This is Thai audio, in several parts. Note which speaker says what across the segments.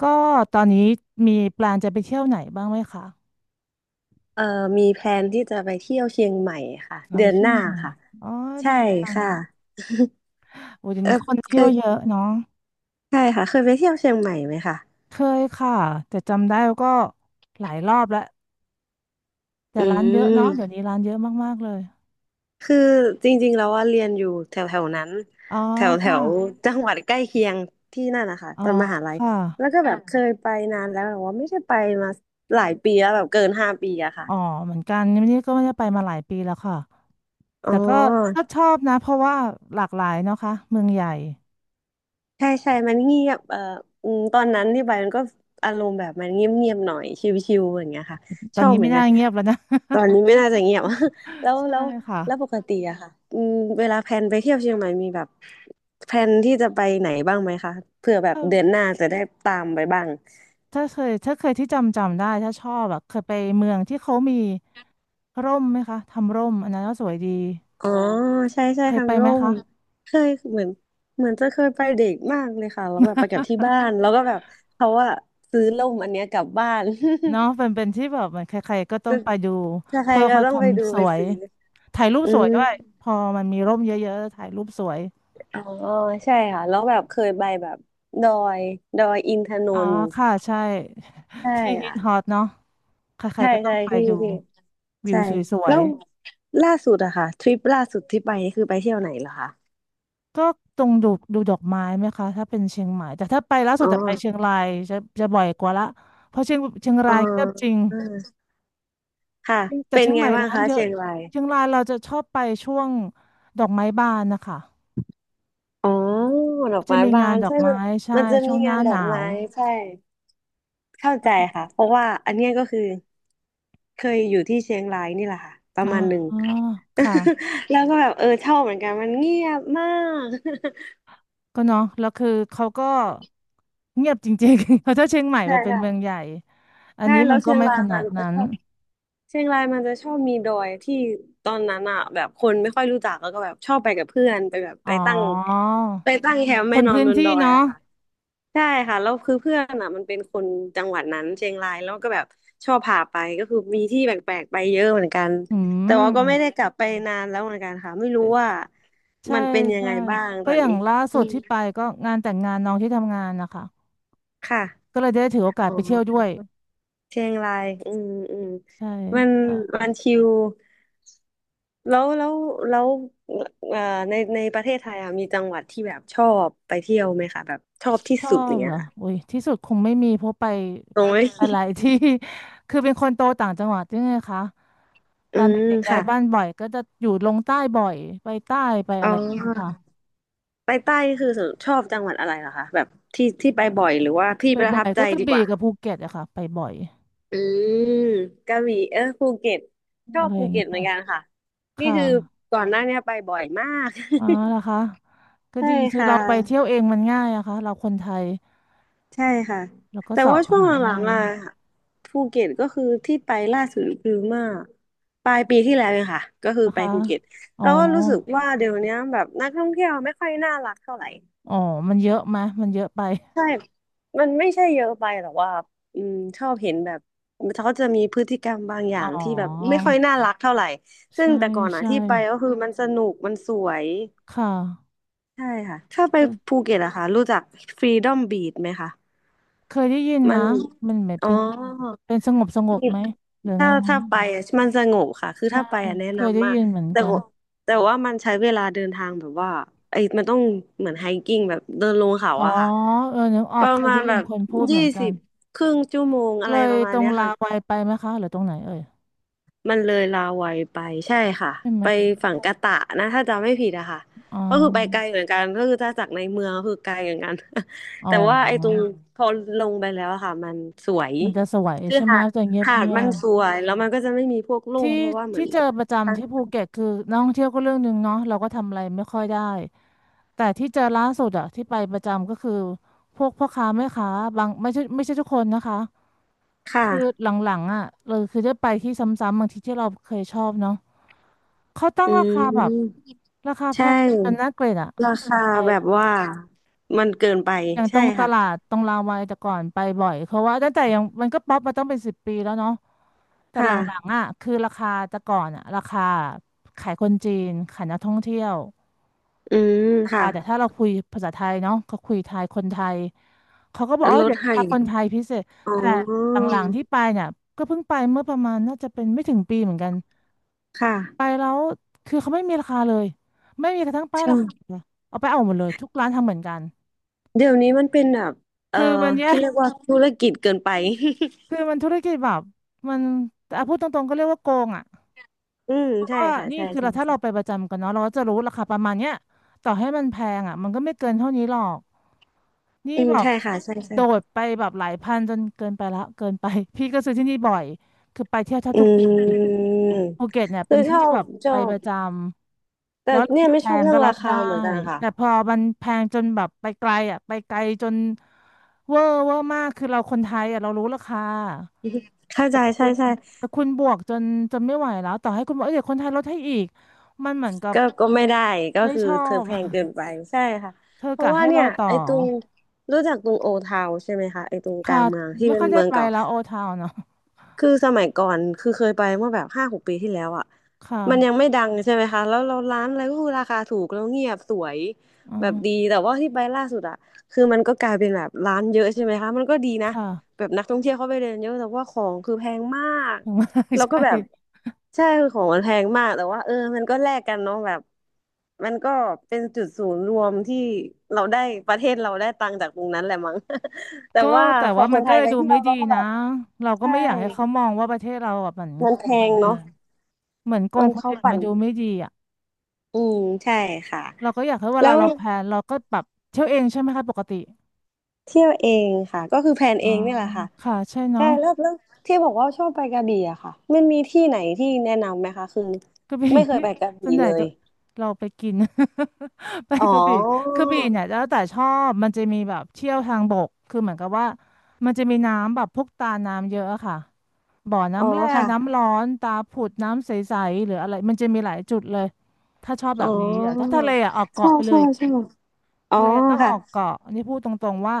Speaker 1: ก็ตอนนี้มีแปลนจะไปเที่ยวไหนบ้างไหมคะ
Speaker 2: เอ่อมีแพลนที่จะไปเที่ยวเชียงใหม่ค่ะ
Speaker 1: เรา
Speaker 2: เดื
Speaker 1: ไป
Speaker 2: อน
Speaker 1: เที่
Speaker 2: ห
Speaker 1: ยว
Speaker 2: น้า
Speaker 1: ไหน
Speaker 2: ค่ะ
Speaker 1: อ๋อ
Speaker 2: ใช่
Speaker 1: ดีจัง
Speaker 2: ค่ะ
Speaker 1: โอ้เดี๋ยว
Speaker 2: เออ
Speaker 1: นี้คน
Speaker 2: เค
Speaker 1: เที่ยว
Speaker 2: ย
Speaker 1: เยอะเนาะ
Speaker 2: ใช่ค่ะเคยไปเที่ยวเชียงใหม่ไหมคะ
Speaker 1: เคยค่ะแต่จำได้ก็หลายรอบแล้วแต่
Speaker 2: อื
Speaker 1: ร้านเยอะเนาะเดี๋ย
Speaker 2: ม
Speaker 1: วนี้ร้านเยอะมากๆเลย
Speaker 2: คือจริงๆแล้วว่าเรียนอยู่แถวแถวนั้น
Speaker 1: อ๋อ
Speaker 2: แถวแถ
Speaker 1: ค่ะ
Speaker 2: วจังหวัดใกล้เคียงที่นั่นนะคะ
Speaker 1: อ๋อ
Speaker 2: ตอนมหาลัย
Speaker 1: ค่ะ
Speaker 2: แล้วก็แบบเคยไปนานแล้วแต่ว่าไม่ได้ไปมาหลายปีแล้วแบบเกิน5 ปีอะค่ะ
Speaker 1: อ๋อเหมือนกันนี่ก็ไม่ได้ไปมาหลายปีแล้วค่ะ
Speaker 2: อ๋
Speaker 1: แต่ก็ก็
Speaker 2: อ
Speaker 1: ชอบนะเพราะว่าหลากหลายเนาะค่ะเมืองใหญ่
Speaker 2: ใช่ใช่มันเงียบอืมตอนนั้นที่ไปมันก็อารมณ์แบบมันเงียบเงียบหน่อยชิวๆอย่างเงี้ยค่ะ
Speaker 1: ต
Speaker 2: ช
Speaker 1: อน
Speaker 2: อบ
Speaker 1: นี้
Speaker 2: เหมื
Speaker 1: ไม่
Speaker 2: อนกั
Speaker 1: น่า
Speaker 2: น
Speaker 1: เงียบแล้วนะ
Speaker 2: ตอนนี้ไม่น่าจะเงียบ แล้ว
Speaker 1: ใช่
Speaker 2: แล้ว
Speaker 1: ค่ะ
Speaker 2: แล้วปกติอะค่ะอืมเวลาแพลนไปเที่ยวเชียงใหม่มีแบบแพลนที่จะไปไหนบ้างไหมคะเผื่อแบบเดือนหน้าจะได้ตามไปบ้าง
Speaker 1: ถ้าเคยที่จำได้ถ้าชอบอะเคยไปเมืองที่เขามีร่มไหมคะทำร่มอันนั้นก็สวยดี
Speaker 2: อ๋อใช่ใช่
Speaker 1: เคยไป
Speaker 2: ทำ
Speaker 1: ไหม
Speaker 2: ร่ม
Speaker 1: คะ
Speaker 2: เคยเหมือนเหมือนจะเคยไปเด็กมากเลยค่ะแล้วแบบไปกับที่บ้านแล้วก็แบบเขาว่าซื้อร่มอันเนี้ยกลับบ้าน
Speaker 1: เนาะเป็นที่แบบเหมือนใครๆก็ต้องไปดู
Speaker 2: ใช่
Speaker 1: เพื่อ
Speaker 2: ก็
Speaker 1: เขา
Speaker 2: ต้
Speaker 1: ท
Speaker 2: องไปดู
Speaker 1: ำส
Speaker 2: ไป
Speaker 1: วย
Speaker 2: ซื้อ
Speaker 1: ถ่ายรูป
Speaker 2: อื
Speaker 1: สวย
Speaker 2: ม
Speaker 1: ด้วยพอมันมีร่มเยอะๆถ่ายรูปสวย
Speaker 2: อ๋อ ใช่ค่ะ แล้วแบบเคยไปแบบดอยดอยอินทน
Speaker 1: อ๋อ
Speaker 2: นท์
Speaker 1: ค่ะใช่
Speaker 2: ใช่
Speaker 1: ที่ฮิตฮอ
Speaker 2: ค่ะ
Speaker 1: ตเนาะใคร
Speaker 2: ใช่
Speaker 1: ๆก็ต้อ
Speaker 2: ใช่
Speaker 1: งไป
Speaker 2: พี่
Speaker 1: ดู
Speaker 2: พี่
Speaker 1: วิว
Speaker 2: ใช่
Speaker 1: สว
Speaker 2: แล้
Speaker 1: ย
Speaker 2: วล่าสุดอะค่ะทริปล่าสุดที่ไปนี่คือไปเที่ยวไหนเหรอคะ
Speaker 1: ก็ตรงดูดอกไม้ไหมคะถ้าเป็นเชียงใหม่แต่ถ้าไปล่าสุ
Speaker 2: อ๋
Speaker 1: ด
Speaker 2: อ
Speaker 1: จะไปเชียงรายจะบ่อยกว่าละเพราะเชียง
Speaker 2: อ๋อ
Speaker 1: รายเงียบจริง
Speaker 2: อ่าค่ะ
Speaker 1: แต่
Speaker 2: เป็น
Speaker 1: เชียง
Speaker 2: ไง
Speaker 1: ใหม่
Speaker 2: บ้าง
Speaker 1: ร้าน
Speaker 2: คะ
Speaker 1: เยอะ
Speaker 2: เชียงราย
Speaker 1: เชียงรายเราจะชอบไปช่วงดอกไม้บานนะคะ
Speaker 2: อ๋อ ดอก
Speaker 1: จะ
Speaker 2: ไม้
Speaker 1: มี
Speaker 2: บา
Speaker 1: งาน
Speaker 2: น
Speaker 1: ดอ
Speaker 2: ใช่
Speaker 1: ก
Speaker 2: มั
Speaker 1: ไม้
Speaker 2: น
Speaker 1: ใช่
Speaker 2: มันจะ
Speaker 1: ช่
Speaker 2: มี
Speaker 1: วงห
Speaker 2: งา
Speaker 1: น้า
Speaker 2: นด
Speaker 1: ห
Speaker 2: อก
Speaker 1: นา
Speaker 2: ไม้
Speaker 1: ว
Speaker 2: ใช่ เข้าใจค่ะ เพราะว่าอันเนี้ยก็คือ เคยอยู่ที่เชียงรายนี่แหละค่ะประ
Speaker 1: อ๋
Speaker 2: มาณหนึ่ง
Speaker 1: อค่ะ
Speaker 2: แล้วก็แบบเออชอบเหมือนกันมันเงียบมาก
Speaker 1: ก็เนาะแล้วคือเขาก็เงียบจริงๆ เพราะถ้าเชียงใหม่
Speaker 2: ใช่
Speaker 1: ไปเป็น
Speaker 2: ค่ะ
Speaker 1: เมืองใหญ่ อัน
Speaker 2: ใช่
Speaker 1: นี้
Speaker 2: แล้
Speaker 1: มั
Speaker 2: ว
Speaker 1: นก็
Speaker 2: เชียง
Speaker 1: ไม่
Speaker 2: ราย
Speaker 1: ขนา
Speaker 2: มัน
Speaker 1: ด
Speaker 2: ก็
Speaker 1: นั้
Speaker 2: ช
Speaker 1: น
Speaker 2: อบ เชียงรายมันจะชอบมีดอยที่ตอนนั้นอะแบบคนไม่ค่อยรู้จักแล้วก็แบบชอบไปกับเพื่อนไปแบบ
Speaker 1: อ๋
Speaker 2: ไป
Speaker 1: อ
Speaker 2: ตั้งไปตั้งแคมป์
Speaker 1: ค
Speaker 2: ไม่
Speaker 1: น
Speaker 2: นอน
Speaker 1: พื้น
Speaker 2: บนด
Speaker 1: ที่
Speaker 2: อย
Speaker 1: เนาะ
Speaker 2: อะค่ะใช่ค่ะแล้วคือเพื่อนอ่ะมันเป็นคนจังหวัดนั้นเชียงรายแล้วก็แบบชอบพาไปก็คือมีที่แปลกๆไปเยอะเหมือนกัน
Speaker 1: อื
Speaker 2: แต่ว่าก็ไม่ได้
Speaker 1: ม
Speaker 2: กลับไปนานแล้วเหมือนกันค่ะไม่รู้ว่า
Speaker 1: ใช่
Speaker 2: มันเป็นยัง
Speaker 1: ใช่
Speaker 2: ไงบ้าง
Speaker 1: เพ
Speaker 2: ตอ
Speaker 1: ราะ
Speaker 2: น
Speaker 1: อย่าง
Speaker 2: นี้
Speaker 1: ล่า
Speaker 2: อื
Speaker 1: สุด
Speaker 2: ม
Speaker 1: ที่ไปก็งานแต่งงานน้องที่ทำงานนะคะ
Speaker 2: ค
Speaker 1: ก็
Speaker 2: ่ะ
Speaker 1: เลยได้ถือโอกาส
Speaker 2: อ๋
Speaker 1: ไปเที่ยวด้
Speaker 2: อ
Speaker 1: วย
Speaker 2: เชียงรายอืมอืม
Speaker 1: ใช่
Speaker 2: มัน
Speaker 1: ค่ะ
Speaker 2: มันชิล แล้วแล้วแล้วเอ่อในประเทศไทยอะมีจังหวัดที่แบบชอบไปเที่ยวไหมคะแบบชอบ
Speaker 1: ช
Speaker 2: ที่
Speaker 1: อ
Speaker 2: สุดอ
Speaker 1: บ
Speaker 2: ย่าง
Speaker 1: เห
Speaker 2: เงี้
Speaker 1: ร
Speaker 2: ย
Speaker 1: อ
Speaker 2: ค่ะ
Speaker 1: อุ้ยที่สุดคงไม่มีเพราะไป
Speaker 2: ตรงไหม
Speaker 1: หลายที่ คือเป็นคนโตต่างจังหวัดด้วยไงคะ ต
Speaker 2: อื
Speaker 1: อน
Speaker 2: ม
Speaker 1: เด็กๆย้ายบ้าน
Speaker 2: ค่ะ
Speaker 1: บ่อยก็จะอยู่ลงใต้บ่อยไปใต้ไป
Speaker 2: อ๋
Speaker 1: อะไรนะคะ
Speaker 2: อไปใต้คือชอบจังหวัดอะไรเหรอคะแบบที่ที่ไปบ่อยหรือว่าที่ประ
Speaker 1: บ่อ
Speaker 2: ทับ
Speaker 1: ยๆ
Speaker 2: ใจ
Speaker 1: ก็กระ
Speaker 2: ดีก
Speaker 1: บี่
Speaker 2: ว่า
Speaker 1: กับภูเก็ตอะค่ะไปบ่อย
Speaker 2: อืมกระบี่เออภูเก็ตชอ
Speaker 1: อะ
Speaker 2: บ
Speaker 1: ไรอ
Speaker 2: ภู
Speaker 1: ย่าง
Speaker 2: เก็
Speaker 1: เงี้ย
Speaker 2: ต
Speaker 1: ไป
Speaker 2: เหมือนกันค่ะนี่
Speaker 1: ค่ะ
Speaker 2: คือก่อนหน้าเนี้ยไปบ่อยมาก
Speaker 1: อ๋อเหรอคะ ก็
Speaker 2: ใช่
Speaker 1: ดีคือ
Speaker 2: ค่ะ
Speaker 1: เราไปเที่ยวเองมันง่ายอะค่ะเราคนไทย
Speaker 2: ใช่ค่ะ
Speaker 1: แล้วก็
Speaker 2: แต่ว่า
Speaker 1: เสาะ
Speaker 2: ช่วง
Speaker 1: หา
Speaker 2: หลั
Speaker 1: ได้
Speaker 2: งๆอ่ะภูเก็ตก็คือที่ไปล่าสุดคือเมื่อปลายปีที่แล้วเองค่ะก็คือ
Speaker 1: นะ
Speaker 2: ไป
Speaker 1: คะ
Speaker 2: ภูเก็ต
Speaker 1: อ๋อ
Speaker 2: แล้วก็รู้สึกว่าเดี๋ยวเนี้ยแบบนักท่องเที่ยวไม่ค่อยน่ารักเท่าไหร่
Speaker 1: อ๋อมันเยอะไหมะมันเยอะไป
Speaker 2: ใช่มันไม่ใช่เยอะไปหรอกว่าอืมชอบเห็นแบบเขาจะมีพฤติกรรมบางอย่า
Speaker 1: อ๋อ
Speaker 2: งที่แบบไม่ค่อยน่ารักเท่าไหร่ซึ่ง
Speaker 1: ใช่
Speaker 2: แต่ก่อนอ่ะ
Speaker 1: ใช่
Speaker 2: ที่ไปก็คือมันสนุกมันสวย
Speaker 1: ค่ะ
Speaker 2: ใช่ค่ะถ้าไป
Speaker 1: เค
Speaker 2: ภู
Speaker 1: ย
Speaker 2: เก็ตอะค่ะรู้จัก Freedom Beach ไหมคะ
Speaker 1: เคยได้ยิน
Speaker 2: มั
Speaker 1: นะ
Speaker 2: น
Speaker 1: มันเหมือน
Speaker 2: อ๋อ
Speaker 1: เป็นสงบไหมหรือ
Speaker 2: ถ้า
Speaker 1: ไงไง
Speaker 2: ถ้าไปอ่ะมันสงบค่ะคือ
Speaker 1: ใช่
Speaker 2: ถ้าไปอ่ะแนะ
Speaker 1: เคยได้
Speaker 2: นำมา
Speaker 1: ยิ
Speaker 2: ก
Speaker 1: นเหมือน
Speaker 2: แต่
Speaker 1: กัน
Speaker 2: ว่าแต่ว่ามันใช้เวลาเดินทางแบบว่าไอ้มันต้องเหมือนไฮกิ้งแบบเดินลงเขา
Speaker 1: อ๋อ
Speaker 2: อะค่ะ
Speaker 1: เออนึกอ
Speaker 2: ป
Speaker 1: อก
Speaker 2: ระ
Speaker 1: เคย
Speaker 2: มา
Speaker 1: ได้
Speaker 2: ณ
Speaker 1: ยิ
Speaker 2: แบ
Speaker 1: น
Speaker 2: บ
Speaker 1: คนพูดเห
Speaker 2: ยี่
Speaker 1: มือนกั
Speaker 2: สิ
Speaker 1: น
Speaker 2: บครึ่งชั่วโมงอะ
Speaker 1: เล
Speaker 2: ไร
Speaker 1: ย
Speaker 2: ประมา
Speaker 1: ต
Speaker 2: ณ
Speaker 1: รง
Speaker 2: เนี้ย
Speaker 1: ลา
Speaker 2: ค่ะ
Speaker 1: วัยไปไหมคะ หรือตรงไหนเอ่ย
Speaker 2: มันเลยลาวัยไปใช่ค่ะ
Speaker 1: ใช่ไหม
Speaker 2: ไป
Speaker 1: คะ
Speaker 2: ฝั่งกะตะนะถ้าจำไม่ผิดอะค่ะ
Speaker 1: อ๋อ
Speaker 2: ก็คือไปไกลเหมือนกันก็คือถ้าจากในเมืองก็คือไกลเหมือนกัน
Speaker 1: อ๋ อ
Speaker 2: แต่ว่าไอ้ตรงพอลงไปแล้วอะค่ะมันสวย
Speaker 1: มันจะสวย
Speaker 2: คือ
Speaker 1: ใช่ไหม
Speaker 2: หาด
Speaker 1: จะเงียบ
Speaker 2: หาดมันสวยแล้วมันก็จะไม่มีพวกร่
Speaker 1: ที่
Speaker 2: มเพราะว่าเหมือ
Speaker 1: ที่
Speaker 2: น
Speaker 1: เจอประจำที่ภูเก็ตคือนักท่องเที่ยวก็เรื่องหนึ่งเนาะเราก็ทำอะไรไม่ค่อยได้แต่ที่เจอล่าสุดอะที่ไปประจำก็คือพวกพ่อค้าแม่ค้าบางไม่ใช่ทุกคนนะคะ
Speaker 2: ค่ะ
Speaker 1: คือหลังๆอะเราคือได้ไปที่ซ้ำๆบางทีที่เราเคยชอบเนาะเขาตั้ง
Speaker 2: อื
Speaker 1: ราคาแบบ
Speaker 2: ม
Speaker 1: ราคาแพ
Speaker 2: ใช่
Speaker 1: งจนน่าเกลียดอะ
Speaker 2: ราคา
Speaker 1: ไป
Speaker 2: แบบว่ามันเกินไป
Speaker 1: อย่างต
Speaker 2: ใช่
Speaker 1: รงต
Speaker 2: ค่ะ
Speaker 1: ลาดตรงรามวาแต่ก่อนไปบ่อยเพราะว่าตั้งแต่ยังมันก็ป๊อปมาต้องเป็นสิบปีแล้วเนาะแต่ห
Speaker 2: ค่ะ
Speaker 1: ลังๆอ่ะคือราคาแต่ก่อนอ่ะราคาขายคนจีนขายนักท่องเที่ยว
Speaker 2: อืม
Speaker 1: รา
Speaker 2: ค่ะ
Speaker 1: คาแต่ถ้าเราคุยภาษาไทยเนาะก็คุยไทยคนไทยเขาก็บอกอ๋อ
Speaker 2: ลด
Speaker 1: เดี๋ยวรา
Speaker 2: ให้
Speaker 1: คาคนไทยพิเศษ
Speaker 2: อ๋
Speaker 1: แต่ห
Speaker 2: อ
Speaker 1: ลังๆที่ไปเนี่ยก็เพิ่งไปเมื่อประมาณน่าจะเป็นไม่ถึงปีเหมือนกันไป
Speaker 2: ค่ะ
Speaker 1: แล้วคือเขาไม่มีราคาเลยไม่มีกระทั่งป้ายราคา
Speaker 2: ใช่
Speaker 1: เลยเอาไปเอาหมดเลยทุกร้านทำเหมือนกัน
Speaker 2: เดี๋ยวนี้มันเป็นแบบเอ่อ
Speaker 1: คือมันแย่
Speaker 2: คิดเรียกว่าธุรกิจเกินไป
Speaker 1: คือมันธุรกิจแบบมันอ่ะพูดตรงๆก็เรียกว่าโกงอ่ะ
Speaker 2: อืม
Speaker 1: เพราะ
Speaker 2: ใช่
Speaker 1: ว่า
Speaker 2: ค่ะ
Speaker 1: นี่
Speaker 2: ใช่
Speaker 1: คือ
Speaker 2: ใช่
Speaker 1: เราถ้า
Speaker 2: ใช่
Speaker 1: เราไปประจำกันเนาะเราก็จะรู้ราคาประมาณเนี้ยต่อให้มันแพงอ่ะมันก็ไม่เกินเท่านี้หรอกนี่
Speaker 2: อืม
Speaker 1: แบบ
Speaker 2: ใช่ค่ะใช่ใช่
Speaker 1: โดดไปแบบหลายพันจนเกินไปละเกินไป พี่ก็ซื้อที่นี่บ่อยคือไปเที่ยวแทบ
Speaker 2: อื
Speaker 1: ทุกปี
Speaker 2: ม
Speaker 1: ภูเก็ตเนี่ย
Speaker 2: คื
Speaker 1: เป็
Speaker 2: อ
Speaker 1: น
Speaker 2: ช
Speaker 1: ที่
Speaker 2: อ
Speaker 1: ที่
Speaker 2: บ
Speaker 1: แบบ
Speaker 2: ช
Speaker 1: ไป
Speaker 2: อ
Speaker 1: ป
Speaker 2: บ
Speaker 1: ระจำ
Speaker 2: แต่
Speaker 1: แล้วรา
Speaker 2: เนี่ย
Speaker 1: คา
Speaker 2: ไม่
Speaker 1: แพ
Speaker 2: ชอบ
Speaker 1: ง
Speaker 2: เรื่อ
Speaker 1: ก็
Speaker 2: ง
Speaker 1: รั
Speaker 2: รา
Speaker 1: บ
Speaker 2: คา
Speaker 1: ได้
Speaker 2: เหมือนกันค่ะ
Speaker 1: แต่พอมันแพงจนแบบไปไกลอ่ะไปไกลจนเวอร์เวอร์มากคือเราคนไทยอ่ะเรารู้ราคา
Speaker 2: เข้า
Speaker 1: แต่
Speaker 2: ใจ
Speaker 1: คุ
Speaker 2: ใช่
Speaker 1: ณ
Speaker 2: ใช่
Speaker 1: แต่คุณบวกจนไม่ไหวแล้วต่อให้คุณบอกเอ้ยเดี๋ยวคนไทยลดให้อีกมันเหมือนกับ
Speaker 2: ก็ก็ไม่ได้ก็
Speaker 1: ไม่
Speaker 2: คือ
Speaker 1: ชอ
Speaker 2: เธอ
Speaker 1: บ
Speaker 2: แพ งเกินไปใช่ค่ะ
Speaker 1: เธอ
Speaker 2: เพราะ
Speaker 1: กะ
Speaker 2: ว่า
Speaker 1: ให้
Speaker 2: เนี่
Speaker 1: เรา
Speaker 2: ย
Speaker 1: ต่อ
Speaker 2: ไอ้ตรงรู้จักตรงโอทาวใช่ไหมคะไอ้ตรงกลา
Speaker 1: ค่ะ
Speaker 2: งเมืองที่
Speaker 1: ไม่
Speaker 2: เป็
Speaker 1: ค่
Speaker 2: น
Speaker 1: อยได้
Speaker 2: เมือง
Speaker 1: ไป
Speaker 2: เก่า
Speaker 1: แล้วโอทาวเนาะ
Speaker 2: คือสมัยก่อนคือเคยไปเมื่อแบบ5-6 ปีที่แล้วอ่ะ
Speaker 1: ค่ะ
Speaker 2: มันยังไม่ดังใช่ไหมคะแล้วเราร้านอะไรก็คือราคาถูกแล้วเงียบสวย
Speaker 1: อื
Speaker 2: แบบดี
Speaker 1: ม
Speaker 2: แต่ว่าที่ไปล่าสุดอ่ะคือมันก็กลายเป็นแบบร้านเยอะใช่ไหมคะมันก็ดีนะ
Speaker 1: ค่ะ
Speaker 2: แบบนักท่องเที่ยวเข้าไปเดินเยอะแต่ว่าของคือแพงมาก
Speaker 1: อย่างมาก
Speaker 2: แล้วก็
Speaker 1: ใช่
Speaker 2: แบบใช่คือของมันแพงมากแต่ว่ามันก็แลกกันเนาะแบบมันก็เป็นจุดศูนย์รวมที่เราได้ประเทศเราได้ตังค์จากตรงนั้นแหละมั้ง แต่
Speaker 1: ก็
Speaker 2: ว่า
Speaker 1: แต่
Speaker 2: พอ
Speaker 1: ว่า
Speaker 2: ค
Speaker 1: มัน
Speaker 2: นไท
Speaker 1: ก็
Speaker 2: ย
Speaker 1: เลย
Speaker 2: ไป
Speaker 1: ดู
Speaker 2: เที่ย
Speaker 1: ไม่
Speaker 2: ว
Speaker 1: ดี
Speaker 2: เราก็แบ
Speaker 1: นะ
Speaker 2: บ
Speaker 1: เราก็
Speaker 2: ใช่
Speaker 1: ไม่อยากให้เขามองว่าประเทศเราแบบเหมือน
Speaker 2: มั
Speaker 1: โก
Speaker 2: นแพ
Speaker 1: งคน
Speaker 2: ง
Speaker 1: อื่
Speaker 2: เนาะ
Speaker 1: นเหมือนโกง
Speaker 2: มัน
Speaker 1: คน
Speaker 2: เข้า
Speaker 1: อื่น
Speaker 2: ฝั
Speaker 1: มา
Speaker 2: น
Speaker 1: ดูไม่ดีอ่ะ
Speaker 2: อืมใช่ค่ะ
Speaker 1: เราก็อยากให้เว
Speaker 2: แล้
Speaker 1: ลา
Speaker 2: ว
Speaker 1: เราแพลนเราก็แบบเที่ยวเองใช่ไหมคะปกติ
Speaker 2: เที่ยวเองค่ะก็คือแพลนเอ
Speaker 1: อ๋อ
Speaker 2: งนี่แหละค่ะ
Speaker 1: ค่ะใช่
Speaker 2: ใช่
Speaker 1: เนาะ
Speaker 2: แล้วแล้วที่บอกว่าชอบไปกระบี่อะค่ะมันมีที่ไหนที่แนะนำไหมคะคือ
Speaker 1: กระบี่
Speaker 2: ไม่ เคย
Speaker 1: พี่
Speaker 2: ไปกระ
Speaker 1: ส่ว
Speaker 2: บี่
Speaker 1: นให
Speaker 2: เล
Speaker 1: ญ่
Speaker 2: ย
Speaker 1: จะเราไปกิน ไป
Speaker 2: อ๋อ
Speaker 1: กระบี่กระบี่เนี่ยแล้วแต่ชอบมันจะมีแบบเที่ยวทางบกคือเหมือนกับว่ามันจะมีน้ำแบบพวกตาน้ำเยอะอะค่ะบ่อ
Speaker 2: อ๋อ
Speaker 1: น้ำแร่
Speaker 2: ค่ะ
Speaker 1: น้ำร้อนตาผุดน้ำใสๆหรืออะไรมันจะมีหลายจุดเลยถ้าชอบแบ
Speaker 2: อ๋อ
Speaker 1: บนี้อะถ้าทะเลอะออก
Speaker 2: ใช่
Speaker 1: เกาะไปเล
Speaker 2: ใช่
Speaker 1: ย
Speaker 2: ใช่อ๋อ
Speaker 1: ทะเลต้อง
Speaker 2: ค่ะ
Speaker 1: ออกเกาะอันนี่พูดตรงๆว่า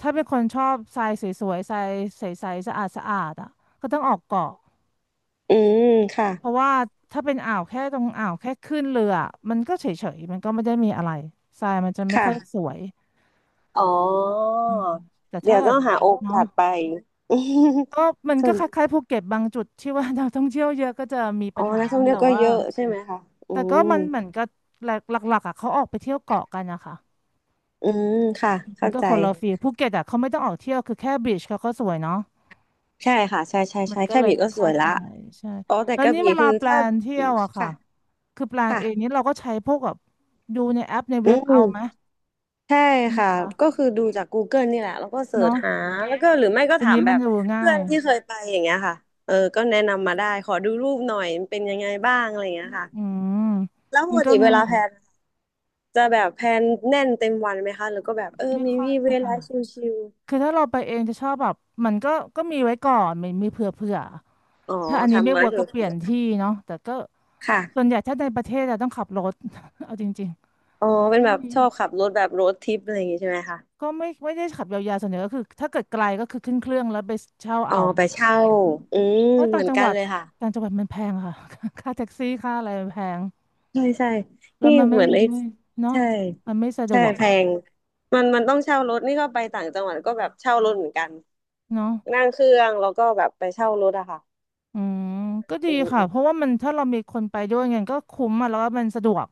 Speaker 1: ถ้าเป็นคนชอบทรายสวยๆทรายใสๆสะอาดๆอะก็ต้องออกเกาะ
Speaker 2: อืมค่ะ
Speaker 1: เพราะว่าถ้าเป็นอ่าวแค่ตรงอ่าวแค่ขึ้นเรือมันก็เฉยๆมันก็ไม่ได้มีอะไรทรายมันจะไม่ค่อยส
Speaker 2: ค่ะ
Speaker 1: วย
Speaker 2: อ๋อ
Speaker 1: อืมแต่
Speaker 2: เดี๋
Speaker 1: ถ้า
Speaker 2: ยว
Speaker 1: เกิ
Speaker 2: ต้อ
Speaker 1: ด
Speaker 2: งหาโอ
Speaker 1: เนาะ
Speaker 2: กาสไป
Speaker 1: ก็มัน
Speaker 2: ส่
Speaker 1: ก็
Speaker 2: วน
Speaker 1: คล้ายๆภูเก็ตบางจุดที่ว่า นักท่องเที่ยวเยอะก็จะมี
Speaker 2: อ๋
Speaker 1: ปั
Speaker 2: อ
Speaker 1: ญหา
Speaker 2: นักท่องเที่
Speaker 1: แต่
Speaker 2: ยวก็
Speaker 1: ว่า
Speaker 2: เยอะใช่ไหมคะอื
Speaker 1: แต่ก็
Speaker 2: ม
Speaker 1: มันเหมือนกับหลักหลักๆอ่ะเขาออกไปเที่ยวเกาะกันนะคะ
Speaker 2: อืมค่ะ
Speaker 1: มัน
Speaker 2: เข้า
Speaker 1: ก็
Speaker 2: ใจ
Speaker 1: คนละฟีลภูเก็ตอ่ะเขาไม่ต้องออกเที่ยวคือแค่บีชเขาก็สวยเนาะ
Speaker 2: ใช่ค่ะใช่ใช่
Speaker 1: มัน
Speaker 2: ใช่
Speaker 1: ก็
Speaker 2: แค่
Speaker 1: เลย
Speaker 2: บี
Speaker 1: ไม่
Speaker 2: ก็ส
Speaker 1: ค่อย
Speaker 2: วยละ
Speaker 1: ถ่ายใช่
Speaker 2: อ๋อแต่
Speaker 1: แล้ว
Speaker 2: กระ
Speaker 1: นี่
Speaker 2: บี่
Speaker 1: เวลา
Speaker 2: คือ
Speaker 1: แปล
Speaker 2: ถ้า
Speaker 1: นเที่
Speaker 2: บี
Speaker 1: ยวอะค่ะ
Speaker 2: ค่ะ
Speaker 1: คือแปลนเองนี้
Speaker 2: ค่ะ
Speaker 1: เราก็ใช้พวกแบบดูในแอปใน
Speaker 2: อื
Speaker 1: เว็บเอา
Speaker 2: ม
Speaker 1: ไหม
Speaker 2: ใช่
Speaker 1: ใช่ไหม
Speaker 2: ค่ะ
Speaker 1: คะ
Speaker 2: ก็คือดูจากกูเกิลนี่แหละแล้วก็เสิร์ช
Speaker 1: เนาะ
Speaker 2: หาแล้วก็หรือไม่ก็
Speaker 1: ที
Speaker 2: ถาม
Speaker 1: นี้
Speaker 2: แบ
Speaker 1: มัน
Speaker 2: บ
Speaker 1: ดูง่า
Speaker 2: เพื่อ
Speaker 1: ย
Speaker 2: นที่เคยไปอย่างเงี้ยค่ะก็แนะนำมาได้ขอดูรูปหน่อยมันเป็นยังไงบ้างอะไรอย่างเงี้ยค่ะ
Speaker 1: อืม
Speaker 2: แล้วป
Speaker 1: มัน
Speaker 2: ก
Speaker 1: ก็
Speaker 2: ติเว
Speaker 1: ง่า
Speaker 2: ลา
Speaker 1: ย
Speaker 2: แพลนจะแบบแพลนแน่นเต็มวันไหมคะหรือก็แบบ
Speaker 1: ไม่
Speaker 2: มี
Speaker 1: ค่อย
Speaker 2: วีเว
Speaker 1: นะคะ
Speaker 2: ลาชิล
Speaker 1: คือถ้าเราไปเองจะชอบแบบมันก็มีไว้ก่อนมีเผื่อเผื่อ
Speaker 2: ๆอ๋อ
Speaker 1: ถ้าอันนี้
Speaker 2: ทำ
Speaker 1: ไม่
Speaker 2: ไว้
Speaker 1: เวิร์ก
Speaker 2: เถ
Speaker 1: ก็
Speaker 2: อะ
Speaker 1: เปลี่ยนที่เนาะแต่ก็ส่วน
Speaker 2: ค่ะ
Speaker 1: ใหญ่ถ้าในประเทศเราต้องขับรถ เอาจริง
Speaker 2: อ๋อเป็
Speaker 1: ๆ
Speaker 2: น
Speaker 1: ไม่
Speaker 2: แบบ
Speaker 1: มี
Speaker 2: ชอบขับรถแบบโรดทริปอะไรอย่างงี้ใช่ไหมคะ
Speaker 1: ก็ไม่ได้ขับยาวๆส่วนใหญ่ก็คือถ้าเกิดไกลก็คือขึ้นเครื่องแล้วไปเช่า
Speaker 2: อ๋อ
Speaker 1: เอา
Speaker 2: ไปเช่า อืม
Speaker 1: เพราะ
Speaker 2: เห
Speaker 1: ต่า
Speaker 2: มื
Speaker 1: ง
Speaker 2: อน
Speaker 1: จังห
Speaker 2: กัน
Speaker 1: วัด
Speaker 2: เลยค่ะ
Speaker 1: ต่างจังหวัดมันแพงค่ะ ค่าแท็กซี่ค่าอะไรมันแพง
Speaker 2: ใช่ใช่
Speaker 1: แล้ว
Speaker 2: นี่
Speaker 1: มันไม่
Speaker 2: เหมือนไอ้
Speaker 1: ไม่เนาะ
Speaker 2: ใช่
Speaker 1: มันไม่สะด
Speaker 2: ใช่
Speaker 1: วก
Speaker 2: แพ
Speaker 1: อ่ะ
Speaker 2: งมันมันต้องเช่ารถนี่ก็ไปต่างจังหวัดก็แบบเช่ารถเหมือนกัน
Speaker 1: เนาะ
Speaker 2: นั่งเครื่องแล้วก็แบบไปเช่ารถอะค่ะ
Speaker 1: อืมก็ดี
Speaker 2: อื
Speaker 1: ค่ะเพ
Speaker 2: ม
Speaker 1: ราะว่ามันถ้าเรามีคนไปด้วยเงี้ยก็คุ้มอ่ะแล้วก็มันสะดวก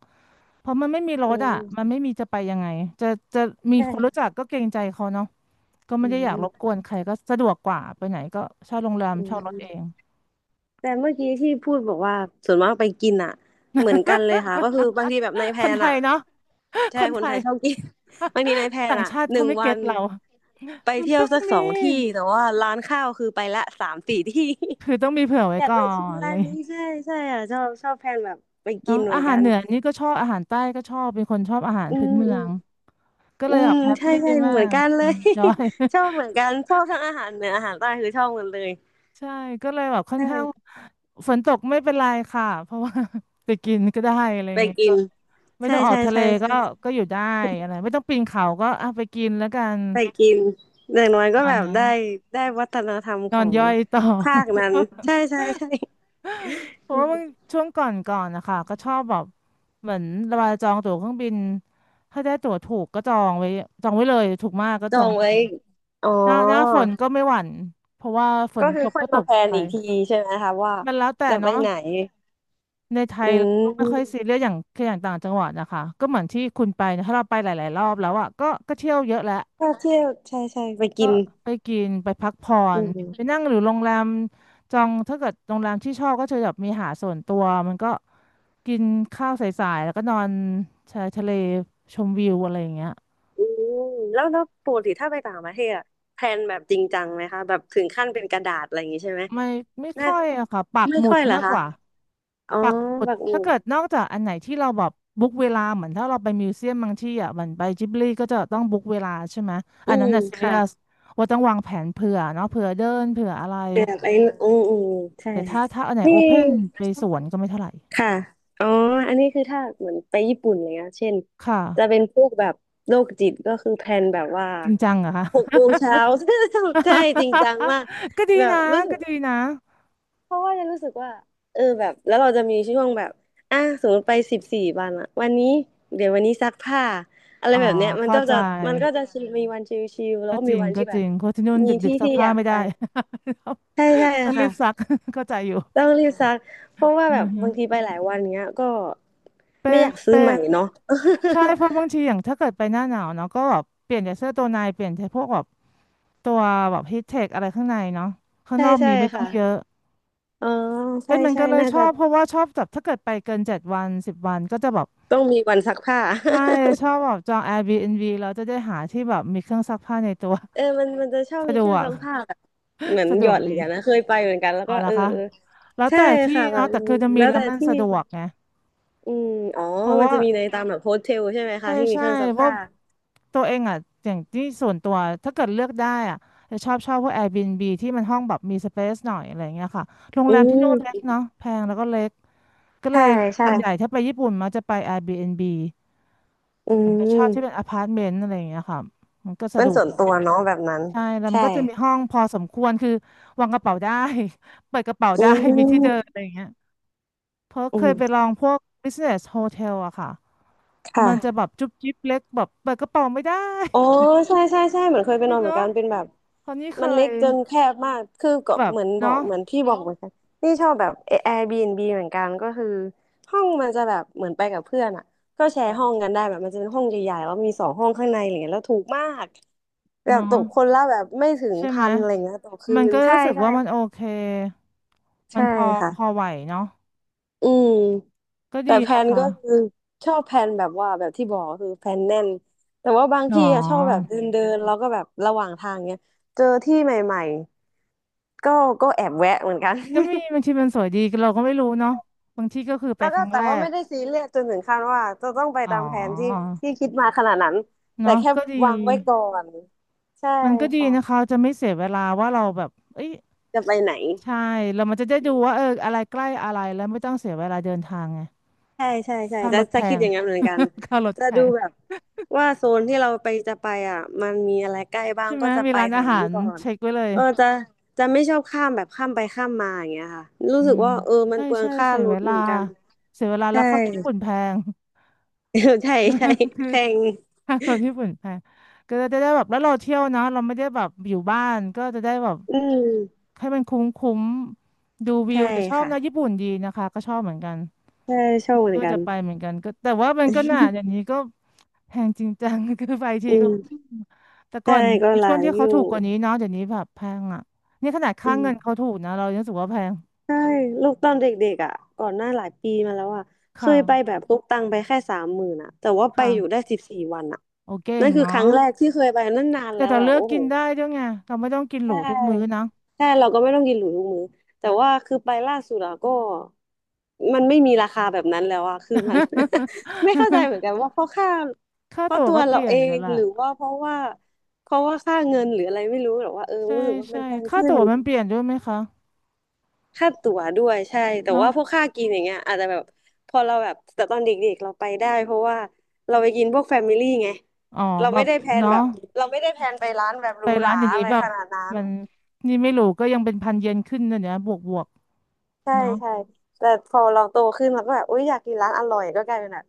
Speaker 1: เพราะมันไม่มีร
Speaker 2: อื
Speaker 1: ถอ่ะ
Speaker 2: ม
Speaker 1: มันไม่มีจะไปยังไงจะจะ
Speaker 2: ใ
Speaker 1: มีคนรู้จั
Speaker 2: ช่
Speaker 1: กก็เกรงใจเขาเนาะก็
Speaker 2: อื
Speaker 1: ไม่ได้อยากร
Speaker 2: ม
Speaker 1: บกวนใครก็สะดวกกว่าไปไหนก็เช่าโรงแรม
Speaker 2: อื
Speaker 1: เช่ารถเอง
Speaker 2: ม แต่เมื่อกี้ที่พูดบอกว่าส่วนมากไปกินอ่ะเหมือนกันเลยค่ะก็คือบางทีแบบในแพ
Speaker 1: ค
Speaker 2: ล
Speaker 1: น
Speaker 2: น
Speaker 1: ไทย
Speaker 2: อ่ะ
Speaker 1: เนาะ
Speaker 2: ใช่
Speaker 1: คน
Speaker 2: ค
Speaker 1: ไท
Speaker 2: นไท
Speaker 1: ย
Speaker 2: ยชอบกิน บางทีในแพลน
Speaker 1: ต่าง
Speaker 2: อ่ะ
Speaker 1: ชาติ
Speaker 2: ห
Speaker 1: เขา
Speaker 2: นึ่ง
Speaker 1: ไม่
Speaker 2: วั
Speaker 1: เก็ต
Speaker 2: น
Speaker 1: เรา
Speaker 2: ไป
Speaker 1: มัน
Speaker 2: เที่ยว
Speaker 1: ต้อง
Speaker 2: สักส
Speaker 1: มี
Speaker 2: องที่แต่ว่าร้านข้าวคือไปละ3-4 ที่
Speaker 1: คือต้องมีเผื่อ ไว้
Speaker 2: อยาก
Speaker 1: ก่อ
Speaker 2: ไปชิม
Speaker 1: นเล
Speaker 2: ร้าน
Speaker 1: ย
Speaker 2: นี้ใช่ใช่อ่ะชอบชอบแพลนแบบไปกิ
Speaker 1: เนาะ
Speaker 2: นเหมื
Speaker 1: อา
Speaker 2: อน
Speaker 1: หา
Speaker 2: กั
Speaker 1: ร
Speaker 2: น
Speaker 1: เหนือนี่ก็ชอบอาหารใต้ก็ชอบเป็นคนชอบอาหาร
Speaker 2: อื
Speaker 1: พื้
Speaker 2: ม
Speaker 1: นเมื
Speaker 2: อื
Speaker 1: อ
Speaker 2: ม
Speaker 1: งก็
Speaker 2: อื
Speaker 1: เลยแบ
Speaker 2: ม
Speaker 1: บแฮป
Speaker 2: ใช่
Speaker 1: ปี้
Speaker 2: ใช่
Speaker 1: มา
Speaker 2: เหมือน
Speaker 1: ก
Speaker 2: กันเลย
Speaker 1: จอย
Speaker 2: ชอบเหมือนกันชอบทั้งอาหารเหนืออาหารใต้คือชอบหมดเลย
Speaker 1: ใช่ก็เลยแบบค่
Speaker 2: ใ
Speaker 1: อนข้าง
Speaker 2: ช่
Speaker 1: ฝนตกไม่เป็นไรค่ะเพราะว่า ไปกินก็ได้อะไร
Speaker 2: ไป
Speaker 1: เงี้ย
Speaker 2: กิ
Speaker 1: ก็
Speaker 2: น
Speaker 1: ไม่ต้
Speaker 2: ใช่
Speaker 1: องออก
Speaker 2: ใช่
Speaker 1: ทะเล
Speaker 2: ใช่
Speaker 1: ก็
Speaker 2: ใช่
Speaker 1: ก็อยู่ได้อะไรไม่ต้องปีนเขาก็อ่ะไปกินแล้วกัน
Speaker 2: ไปกินอย่างน้อย
Speaker 1: ป
Speaker 2: ก็
Speaker 1: ระมา
Speaker 2: แบ
Speaker 1: ณ
Speaker 2: บ
Speaker 1: นั้น
Speaker 2: ได้ได้วัฒนธรรม
Speaker 1: น
Speaker 2: ข
Speaker 1: อ
Speaker 2: อ
Speaker 1: น
Speaker 2: ง
Speaker 1: ย่อยต่อ
Speaker 2: ภาคนั้นใช่ใช่ใช่
Speaker 1: เพ
Speaker 2: อื
Speaker 1: ราะว่าบาง
Speaker 2: ม
Speaker 1: ช่วงก่อนนะคะก็ชอบแบบเหมือนเวลาจองตั๋วเครื่องบินถ้าได้ตั๋วถูกก็จองไว้จองไว้เลยถูกมากก็
Speaker 2: จ
Speaker 1: จ
Speaker 2: อ
Speaker 1: อง
Speaker 2: ง
Speaker 1: เล
Speaker 2: ไว้
Speaker 1: ย
Speaker 2: อ๋อ
Speaker 1: หน้าฝนก็ไม่หวั่นเพราะว่าฝ
Speaker 2: ก็
Speaker 1: น
Speaker 2: คื
Speaker 1: ต
Speaker 2: อ
Speaker 1: ก
Speaker 2: ค่อย
Speaker 1: ก็ต
Speaker 2: มา
Speaker 1: ก
Speaker 2: แพลน
Speaker 1: ไป
Speaker 2: อีกทีใช่ไหมคะว่า
Speaker 1: มันแล้วแต่
Speaker 2: จะไป
Speaker 1: เนาะ
Speaker 2: ไหน
Speaker 1: ในไท
Speaker 2: อื
Speaker 1: ยเราก็ไม่ค่อยซี
Speaker 2: ม
Speaker 1: เรียสอย่างคืออย่างต่างจังหวัดนะคะก็เหมือนที่คุณไปนะถ้าเราไปหลายๆรอบแล้วอ่ะก็ก็เที่ยวเยอะแล้ว
Speaker 2: ถ้าเที่ยวใช่ใช่ไปกิ
Speaker 1: ก็
Speaker 2: น
Speaker 1: ไปกินไปพักผ่อ
Speaker 2: อื
Speaker 1: นไป
Speaker 2: ม
Speaker 1: นั่งหรือโรงแรมจองถ้าเกิดโรงแรมที่ชอบก็จะแบบมีหาดส่วนตัวมันก็กินข้าวสายๆแล้วก็นอนชายทะเลชมวิวอะไรอย่างเงี้ย
Speaker 2: อืมแล้วแล้วปกติถ้าไปต่างประเทศอะแพลนแบบจริงจังไหมคะแบบถึงขั้นเป็นกระดาษอะไรอย่างงี้ใช่ไหม
Speaker 1: ไม่ไม่
Speaker 2: น่า
Speaker 1: ค่อยอะค่ะปัก
Speaker 2: ไม่
Speaker 1: หมุ
Speaker 2: ค่
Speaker 1: ด
Speaker 2: อยเหรอ
Speaker 1: มาก
Speaker 2: คะ
Speaker 1: กว่า
Speaker 2: อ๋อ
Speaker 1: ปักหมุด
Speaker 2: แบบอื่
Speaker 1: ถ้า
Speaker 2: น
Speaker 1: เกิดนอกจากอันไหนที่เราแบบบุ๊กเวลาเหมือนถ้าเราไปมิวเซียมบางที่อ่ะเหมือนไปจิบลีก็จะต้องบุ๊กเวลาใช่ไหมอั
Speaker 2: อื
Speaker 1: นนั้น
Speaker 2: ม
Speaker 1: น่ะซีเรี
Speaker 2: ค่ะ
Speaker 1: ยสว่าต้องวางแผนเผื่อเนาะเผื่อเดินเผื่ออะไร
Speaker 2: แบบไอ้อืมอืมใช่
Speaker 1: แต่
Speaker 2: ค่ะ
Speaker 1: ถ้าถ้าอันไหน
Speaker 2: นี่
Speaker 1: โอเพนไปสวนก็ไม่เท่าไหร่
Speaker 2: ค่ะอ๋ออันนี้คือถ้าเหมือนไปญี่ปุ่นอะไรเงี้ยเช่น
Speaker 1: ค
Speaker 2: จะ
Speaker 1: ่ะ
Speaker 2: เป็นพวกแบบโรคจิตก็คือแพลนแบบว่า
Speaker 1: จริงจังเหรอคะ
Speaker 2: หกโมงเช้า ใช่จริงจังมาก
Speaker 1: ก็ดี
Speaker 2: แบบ
Speaker 1: นะ
Speaker 2: รู้สึก
Speaker 1: ก็ดีนะ
Speaker 2: เพราะว่าจะรู้สึกว่าแบบแล้วเราจะมีช่วงแบบอ่ะสมมติไปสิบสี่วันอะวันนี้เดี๋ยววันนี้ซักผ้าอะไร
Speaker 1: อ๋อ
Speaker 2: แบบเนี้ยมัน
Speaker 1: เข้า
Speaker 2: ก็
Speaker 1: ใจ
Speaker 2: จะมันก็จะชิลมีวันชิลๆแล้ว
Speaker 1: ก็
Speaker 2: ก็
Speaker 1: จ
Speaker 2: มี
Speaker 1: ริง
Speaker 2: วัน
Speaker 1: ก็
Speaker 2: ที่แบ
Speaker 1: จริ
Speaker 2: บ
Speaker 1: งเพราะที่นู่น
Speaker 2: มี
Speaker 1: ดึ
Speaker 2: ที่
Speaker 1: กๆซัก
Speaker 2: ที่อ
Speaker 1: ผ้า
Speaker 2: ยาก
Speaker 1: ไม่
Speaker 2: ไป
Speaker 1: ได้
Speaker 2: ใช่ใช่
Speaker 1: ต้องรีบซัก
Speaker 2: ค่ะ
Speaker 1: เข้าใจอยู่
Speaker 2: ต้องรีบซักเพราะว่า
Speaker 1: อื
Speaker 2: แบ
Speaker 1: อ
Speaker 2: บ
Speaker 1: ฮึ
Speaker 2: บางทีไปหลายวันเงี้ยก็
Speaker 1: เป็
Speaker 2: ไม่
Speaker 1: น
Speaker 2: อยากซื้อ
Speaker 1: เป็
Speaker 2: ใหม่
Speaker 1: น
Speaker 2: เนาะ
Speaker 1: ใช่เพราะบางทีอย่างถ้าเกิดไปหน้าหนาวเนาะก็แบบเปลี่ยนจากเสื้อตัวในเปลี่ยนใชพวกแบบตัวแบบฮีทเทคอะไรข้างในเนาะข้างน
Speaker 2: ใช่
Speaker 1: อก
Speaker 2: ใช่
Speaker 1: มีไม่ต้อง
Speaker 2: ค่ะ
Speaker 1: เยอะ
Speaker 2: อ๋อ
Speaker 1: เป็
Speaker 2: ใช่
Speaker 1: นเหมือน
Speaker 2: ใช่
Speaker 1: กันเลย
Speaker 2: น่า
Speaker 1: ช
Speaker 2: จะ
Speaker 1: อบเพราะว่าชอบแบบถ้าเกิดไปเกิน7 วัน10 วันก็จะแบบ
Speaker 2: ต้องมีวันซักผ้า
Speaker 1: ใช่ชอบแบบจอง Airbnb แล้วจะได้หาที่แบบมีเครื่องซักผ้าในตัว
Speaker 2: มันมันจะชอบ
Speaker 1: สะ
Speaker 2: มี
Speaker 1: ด
Speaker 2: เครื่
Speaker 1: ว
Speaker 2: อง
Speaker 1: ก
Speaker 2: ซักผ้าแบบเหมือน
Speaker 1: สะด
Speaker 2: หย
Speaker 1: ว
Speaker 2: อ
Speaker 1: ก
Speaker 2: ดเห
Speaker 1: ดี
Speaker 2: รียญนะเคยไปเหมือนกันแล้ว
Speaker 1: เอา
Speaker 2: ก็
Speaker 1: ละ
Speaker 2: เออ
Speaker 1: คะ
Speaker 2: เออ
Speaker 1: แล้ว
Speaker 2: ใช่
Speaker 1: แต่ที่
Speaker 2: ค่ะแบ
Speaker 1: เนาะ
Speaker 2: บ
Speaker 1: แต่คือจะมี
Speaker 2: แล้ว
Speaker 1: แล้ว
Speaker 2: แต่
Speaker 1: มัน
Speaker 2: ที่
Speaker 1: สะดวกไง
Speaker 2: อืมอ๋อ
Speaker 1: เพราะ
Speaker 2: มัน
Speaker 1: ว่า
Speaker 2: จะมีในตามแบบโฮสเทลใช่ไหม
Speaker 1: ใช่
Speaker 2: คะที่มี
Speaker 1: ใช่
Speaker 2: เครื่องซัก
Speaker 1: เพราะ
Speaker 2: ผ้า
Speaker 1: ตัวเองอ่ะอย่างที่ส่วนตัวถ้าเกิดเลือกได้อ่ะจะชอบชอบพวก Airbnb ที่มันห้องแบบมีสเปซหน่อยอะไรเงี้ยค่ะโรงแร
Speaker 2: อื
Speaker 1: มที่นู่
Speaker 2: ม
Speaker 1: นเล็กเนาะแพงแล้วก็เล็กก็เล
Speaker 2: ใช่
Speaker 1: ย
Speaker 2: ใช่
Speaker 1: ส่วนใหญ่ถ้า
Speaker 2: ค่ะ
Speaker 1: ไปญี่ปุ่นมักจะไป Airbnb
Speaker 2: อื
Speaker 1: ไปเชอบที่เป็น
Speaker 2: ม
Speaker 1: อพาร์ตเมนต์อะไรอย่างเงี้ยค่ะมันก็สะ
Speaker 2: เป็
Speaker 1: ด
Speaker 2: น
Speaker 1: วก
Speaker 2: ส่วน
Speaker 1: อีก
Speaker 2: ตัวเนาะแบบนั้น
Speaker 1: ใช่แล้วมัน
Speaker 2: ใช่
Speaker 1: ก็จะมีห้องพอสมควรคือวางกระเป๋าได้ เปิดกระเป๋า
Speaker 2: อื
Speaker 1: ได้มีที่เดิน
Speaker 2: ม
Speaker 1: อะไรเงี้ย เพราะ
Speaker 2: อื
Speaker 1: เคยไปล
Speaker 2: ม
Speaker 1: องพวก business hotel อะค่ะ
Speaker 2: ค
Speaker 1: มันค่ะจะแบ
Speaker 2: ่ะ
Speaker 1: บจุ๊บจิ๊บเล็กแบบเปิดกระเป๋าไม่ได้
Speaker 2: อ๋อ
Speaker 1: โอ้
Speaker 2: ใช่ใช่ใช่เหมือนเคยไปนอ นเหมือ
Speaker 1: เนาะ
Speaker 2: นกันเป็นแบบ
Speaker 1: คราวนี้เค
Speaker 2: มันเล็
Speaker 1: ย
Speaker 2: กจนแคบมากคือก็
Speaker 1: แบบ
Speaker 2: เหมือนบอ
Speaker 1: เนาะ
Speaker 2: กเหมือนพี่บอกเหมือนกันนี่ชอบแบบ Airbnb เหมือนกันก็คือห้องมันจะแบบเหมือนไปกับเพื่อนอ่ะก็แชร์ห้องกันได้แบบมันจะเป็นห้องใหญ่ๆแล้วมี2 ห้องข้างในอะไรเงี้ยแล้วถูกมากแบบ
Speaker 1: เนาะ
Speaker 2: ตกคนละแบบไม่ถึง
Speaker 1: ใช่ไห
Speaker 2: พั
Speaker 1: ม
Speaker 2: นอะไรเงี้ยต่อคื
Speaker 1: มัน
Speaker 2: น
Speaker 1: ก็
Speaker 2: ใช่
Speaker 1: รู้สึก
Speaker 2: ใช่
Speaker 1: ว่ามันโอเคมัน
Speaker 2: ใช่
Speaker 1: พอ
Speaker 2: ค่ะ
Speaker 1: พอไหวเนาะ
Speaker 2: อืม
Speaker 1: ก็ดี
Speaker 2: แต่แผ
Speaker 1: นะ
Speaker 2: น
Speaker 1: คะ
Speaker 2: ก็คือชอบแผนแบบว่าแบบที่บอกก็คือแผนแน่นแต่ว่าบาง
Speaker 1: หนอ
Speaker 2: ที่อะชอบแบบเดินเดินแล้วก็แบบระหว่างทางเนี้ยเจอที่ใหม่ๆก็ก็แอบแวะเหมือนกัน
Speaker 1: ก็มีบางทีมันสวยดีเราก็ไม่รู้เนาะบางที่ก็คือ ไป
Speaker 2: แล้ว
Speaker 1: ค
Speaker 2: ก็
Speaker 1: รั้ง
Speaker 2: แต่
Speaker 1: แร
Speaker 2: ว่า
Speaker 1: ก
Speaker 2: ไม่ได้ซีเรียสจนถึงขั้นว่าจะต้องไป
Speaker 1: อ๋อ
Speaker 2: ตามแผนที่ที่คิดมาขนาดนั้นแต่
Speaker 1: เนาะ
Speaker 2: แค่
Speaker 1: ก็ดี
Speaker 2: วางไว้ก่อนใช่
Speaker 1: มันก็ดีนะคะ
Speaker 2: ค่ะ
Speaker 1: จะไม่เสียเวลาว่าเราแบบเอ้ย
Speaker 2: จะไปไหน
Speaker 1: ใช่แล้วมันจะได้ดูว่าเอออะไรใกล้อะไรแล้วไม่ต้องเสียเวลาเดินทางไง
Speaker 2: ใช่ใช่ใช่
Speaker 1: ค่า
Speaker 2: จะ
Speaker 1: รถแพ
Speaker 2: จะคิด
Speaker 1: ง
Speaker 2: อย่างนั้นเหมือนกัน
Speaker 1: ค่ารถ
Speaker 2: จะ
Speaker 1: แพ
Speaker 2: ดู
Speaker 1: ง
Speaker 2: แบบว่าโซนที่เราไปจะไปอ่ะมันมีอะไรใกล้บ้าง
Speaker 1: ใช่ไหม
Speaker 2: ก็จะ
Speaker 1: มี
Speaker 2: ไป
Speaker 1: ร้าน
Speaker 2: แถ
Speaker 1: อา
Speaker 2: ว
Speaker 1: หา
Speaker 2: นั้น
Speaker 1: ร
Speaker 2: ก่อน
Speaker 1: เช็คไว้เลย
Speaker 2: จะจะไม่ชอบข้ามแบบข้ามไปข้ามมาอย่างเงี้ยค่ะรู้
Speaker 1: อื
Speaker 2: สึก
Speaker 1: ม
Speaker 2: ว่ามัน
Speaker 1: ใช่
Speaker 2: เปลือง
Speaker 1: ใช่
Speaker 2: ค่า
Speaker 1: เสีย
Speaker 2: ร
Speaker 1: เว
Speaker 2: ถเห
Speaker 1: ลา
Speaker 2: มือนกัน
Speaker 1: เสียเวลาแล้
Speaker 2: ใช่
Speaker 1: วค่ารถญี่ปุ่นแพง
Speaker 2: ใช่ใช่
Speaker 1: คือ
Speaker 2: แพง
Speaker 1: ค่ารถญี่ปุ่นแพงก็จะได้แบบแล้วเราเที่ยวเนอะเราไม่ได้แบบอยู่บ้านก็จะได้แบบ
Speaker 2: อืม
Speaker 1: ให้มันคุ้มคุ้มดูวิ
Speaker 2: ใช่
Speaker 1: วจะชอบ
Speaker 2: ค่ะ
Speaker 1: นะญี่ปุ่นดีนะคะก็ชอบเหมือนกัน
Speaker 2: ใช่ชอบเหมือ
Speaker 1: ก็
Speaker 2: นกั
Speaker 1: จะ
Speaker 2: น
Speaker 1: ไปเหมือนกันก็แต่ว่ามันก็หนาอย่าง นี้ก็แพงจริงจัง คือไปที
Speaker 2: อื
Speaker 1: ก็อื
Speaker 2: ม
Speaker 1: มแต่ก่
Speaker 2: ใช่
Speaker 1: อน
Speaker 2: ก็
Speaker 1: มี
Speaker 2: ห
Speaker 1: ช่
Speaker 2: ลา
Speaker 1: วง
Speaker 2: ย
Speaker 1: ที่
Speaker 2: อ
Speaker 1: เขา
Speaker 2: ยู่
Speaker 1: ถูกกว่านี้เนาะเดี๋ยวนี้แบบแพงอ่ะนี่ขนาด
Speaker 2: อื
Speaker 1: ค่าเงิน
Speaker 2: ม
Speaker 1: เขาถูกนะเรายังรู้สึกว่าแพง
Speaker 2: ใช่ลูกตอนเด็กๆอ่ะก่อนหน้าหลายปีมาแล้วอ่ะเค
Speaker 1: ค่ะ
Speaker 2: ยไปแบบพกตังค์ไปแค่30,000อ่ะแต่ว่าไป
Speaker 1: ค่ะ
Speaker 2: อยู่ได้สิบสี่วันอ่ะ
Speaker 1: โอเคเอ
Speaker 2: นั่น
Speaker 1: ง
Speaker 2: คือค
Speaker 1: เนาะ
Speaker 2: รั้งแรกที่เคยไปนั่นนาน
Speaker 1: แต่
Speaker 2: แล้ว
Speaker 1: แต่
Speaker 2: แบ
Speaker 1: เลื
Speaker 2: บ
Speaker 1: อก
Speaker 2: โอ้
Speaker 1: กิ
Speaker 2: โห
Speaker 1: นได้ด้วยไงเราไม่ต้องกินห
Speaker 2: ใช่
Speaker 1: รูทุกมื้อนะ
Speaker 2: ใช่เราก็ไม่ต้องกินหรูทุกมื้อแต่ว่าคือไปล่าสุดอ่ะก็มันไม่มีราคาแบบนั้นแล้วอ่ะคือมัน ไม่เข้าใจ เหมือนกันว่าเพราะค่า
Speaker 1: ค่า
Speaker 2: เพราะ
Speaker 1: ตั๋ว
Speaker 2: ตัว
Speaker 1: ก็เป
Speaker 2: เรา
Speaker 1: ลี่ย
Speaker 2: เอ
Speaker 1: นแล้ว
Speaker 2: ง
Speaker 1: ล่ะ
Speaker 2: หรือว่าเพราะว่าเพราะว่าค่าเงินหรืออะไรไม่รู้หรอกว่า
Speaker 1: ใช่
Speaker 2: รู้สึกว่ามั
Speaker 1: ใช่
Speaker 2: นแพง
Speaker 1: ค่า
Speaker 2: ขึ้น
Speaker 1: ตั๋วมันเปลี่ยนด้วยไหมคะ
Speaker 2: ค่าตั๋วด้วยใช่แต่
Speaker 1: เนาะ
Speaker 2: ว่าพวกค่ากินอย่างเงี้ยอาจจะแบบพอเราแบบแต่ตอนเด็กๆเราไปได้เพราะว่าเราไปกินพวกแฟมิลี่ไง
Speaker 1: อ๋อ
Speaker 2: เรา
Speaker 1: แบ
Speaker 2: ไม่
Speaker 1: บ
Speaker 2: ได้แพลน
Speaker 1: เนาะ
Speaker 2: แบบเราไม่ได้แพลนไปร้านแบบห
Speaker 1: ไป
Speaker 2: รูห
Speaker 1: ร้า
Speaker 2: รา
Speaker 1: นอย่าง
Speaker 2: อะ
Speaker 1: นี้
Speaker 2: ไร
Speaker 1: แบบ
Speaker 2: ขนาดนั้น
Speaker 1: มันนี่ไม่รู้ก็ยังเป็นพันเยนขึ้นนะเนี่ยบวกบวก
Speaker 2: ใช่
Speaker 1: เนาะ
Speaker 2: ใช่แต่พอเราโตขึ้นเราก็แบบอุ๊ยอยากกินร้านอร่อยก็กลายเป็นแบบ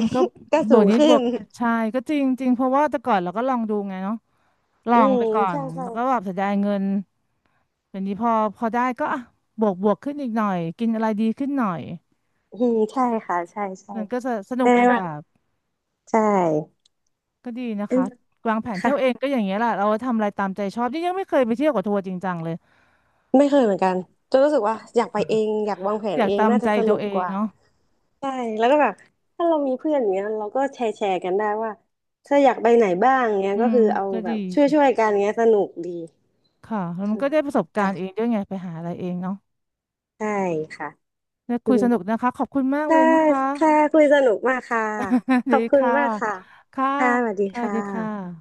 Speaker 1: มันก็
Speaker 2: ก็
Speaker 1: บ
Speaker 2: สู
Speaker 1: วก
Speaker 2: ง
Speaker 1: นิด
Speaker 2: ขึ้
Speaker 1: บว
Speaker 2: น
Speaker 1: กใช่ก็จริงจริงเพราะว่าแต่ก่อนเราก็ลองดูไงเนาะลอ
Speaker 2: อื
Speaker 1: งไป
Speaker 2: ม
Speaker 1: ก่อ
Speaker 2: ใช่
Speaker 1: น
Speaker 2: ใช่
Speaker 1: แล้วก็แบบเสียดายเงินอย่างนี้พอพอได้ก็อ่ะบวกบวกขึ้นอีกหน่อยกินอะไรดีขึ้นหน่อย
Speaker 2: อืมใช่ค่ะใช่ใช่
Speaker 1: มันก็จะสนุ
Speaker 2: ใช่
Speaker 1: กอีก
Speaker 2: ไหม
Speaker 1: แบบ
Speaker 2: ใช่
Speaker 1: ก็ดีนะ
Speaker 2: อืม
Speaker 1: คะวางแผนเที่
Speaker 2: ค่ะ
Speaker 1: ยวเองก็อย่างเงี้ยแหละเราทำอะไรตามใจชอบนี่ยังไม่เคยไปเที่ยวกับทัวร์จริงจังเลย
Speaker 2: ไม่เคยเหมือนกันจะรู้สึกว่าอยากไปเองอยากวางแผ
Speaker 1: อ
Speaker 2: น
Speaker 1: ยาก
Speaker 2: เอง
Speaker 1: ตาม
Speaker 2: น่า
Speaker 1: ใจ
Speaker 2: จะส
Speaker 1: ตั
Speaker 2: นุ
Speaker 1: ว
Speaker 2: ก
Speaker 1: เอ
Speaker 2: ก
Speaker 1: ง
Speaker 2: ว่า
Speaker 1: เนาะ
Speaker 2: ใช่แล้วก็แบบถ้าเรามีเพื่อนอย่างเงี้ยเราก็แชร์แชร์กันได้ว่าถ้าอยากไปไหนบ้างเงี้ย
Speaker 1: อื
Speaker 2: ก็
Speaker 1: ม
Speaker 2: คือเอา
Speaker 1: ก็
Speaker 2: แบ
Speaker 1: ดี
Speaker 2: บช่วยช่วยกันเงี้ยสนุกดี
Speaker 1: ค่ะแล้วมันก็ได้ประสบ การณ์เอ
Speaker 2: ค่ะ
Speaker 1: งด้วยไงไปหาอะไรเองเนาะ
Speaker 2: ใช่ค่ะ
Speaker 1: ได้
Speaker 2: อื
Speaker 1: คุย
Speaker 2: ม
Speaker 1: สนุกนะคะขอบคุณมากเล
Speaker 2: ค่ะ
Speaker 1: ยนะคะ
Speaker 2: ค่ะคุยสนุกมากค่ะ ข
Speaker 1: ดี
Speaker 2: อบคุณ
Speaker 1: ค่ะ
Speaker 2: มากค่ะ
Speaker 1: ค่ะ
Speaker 2: ค่ะสวัสดี
Speaker 1: ค่ะ
Speaker 2: ค่
Speaker 1: ดี
Speaker 2: ะ
Speaker 1: ค่ะ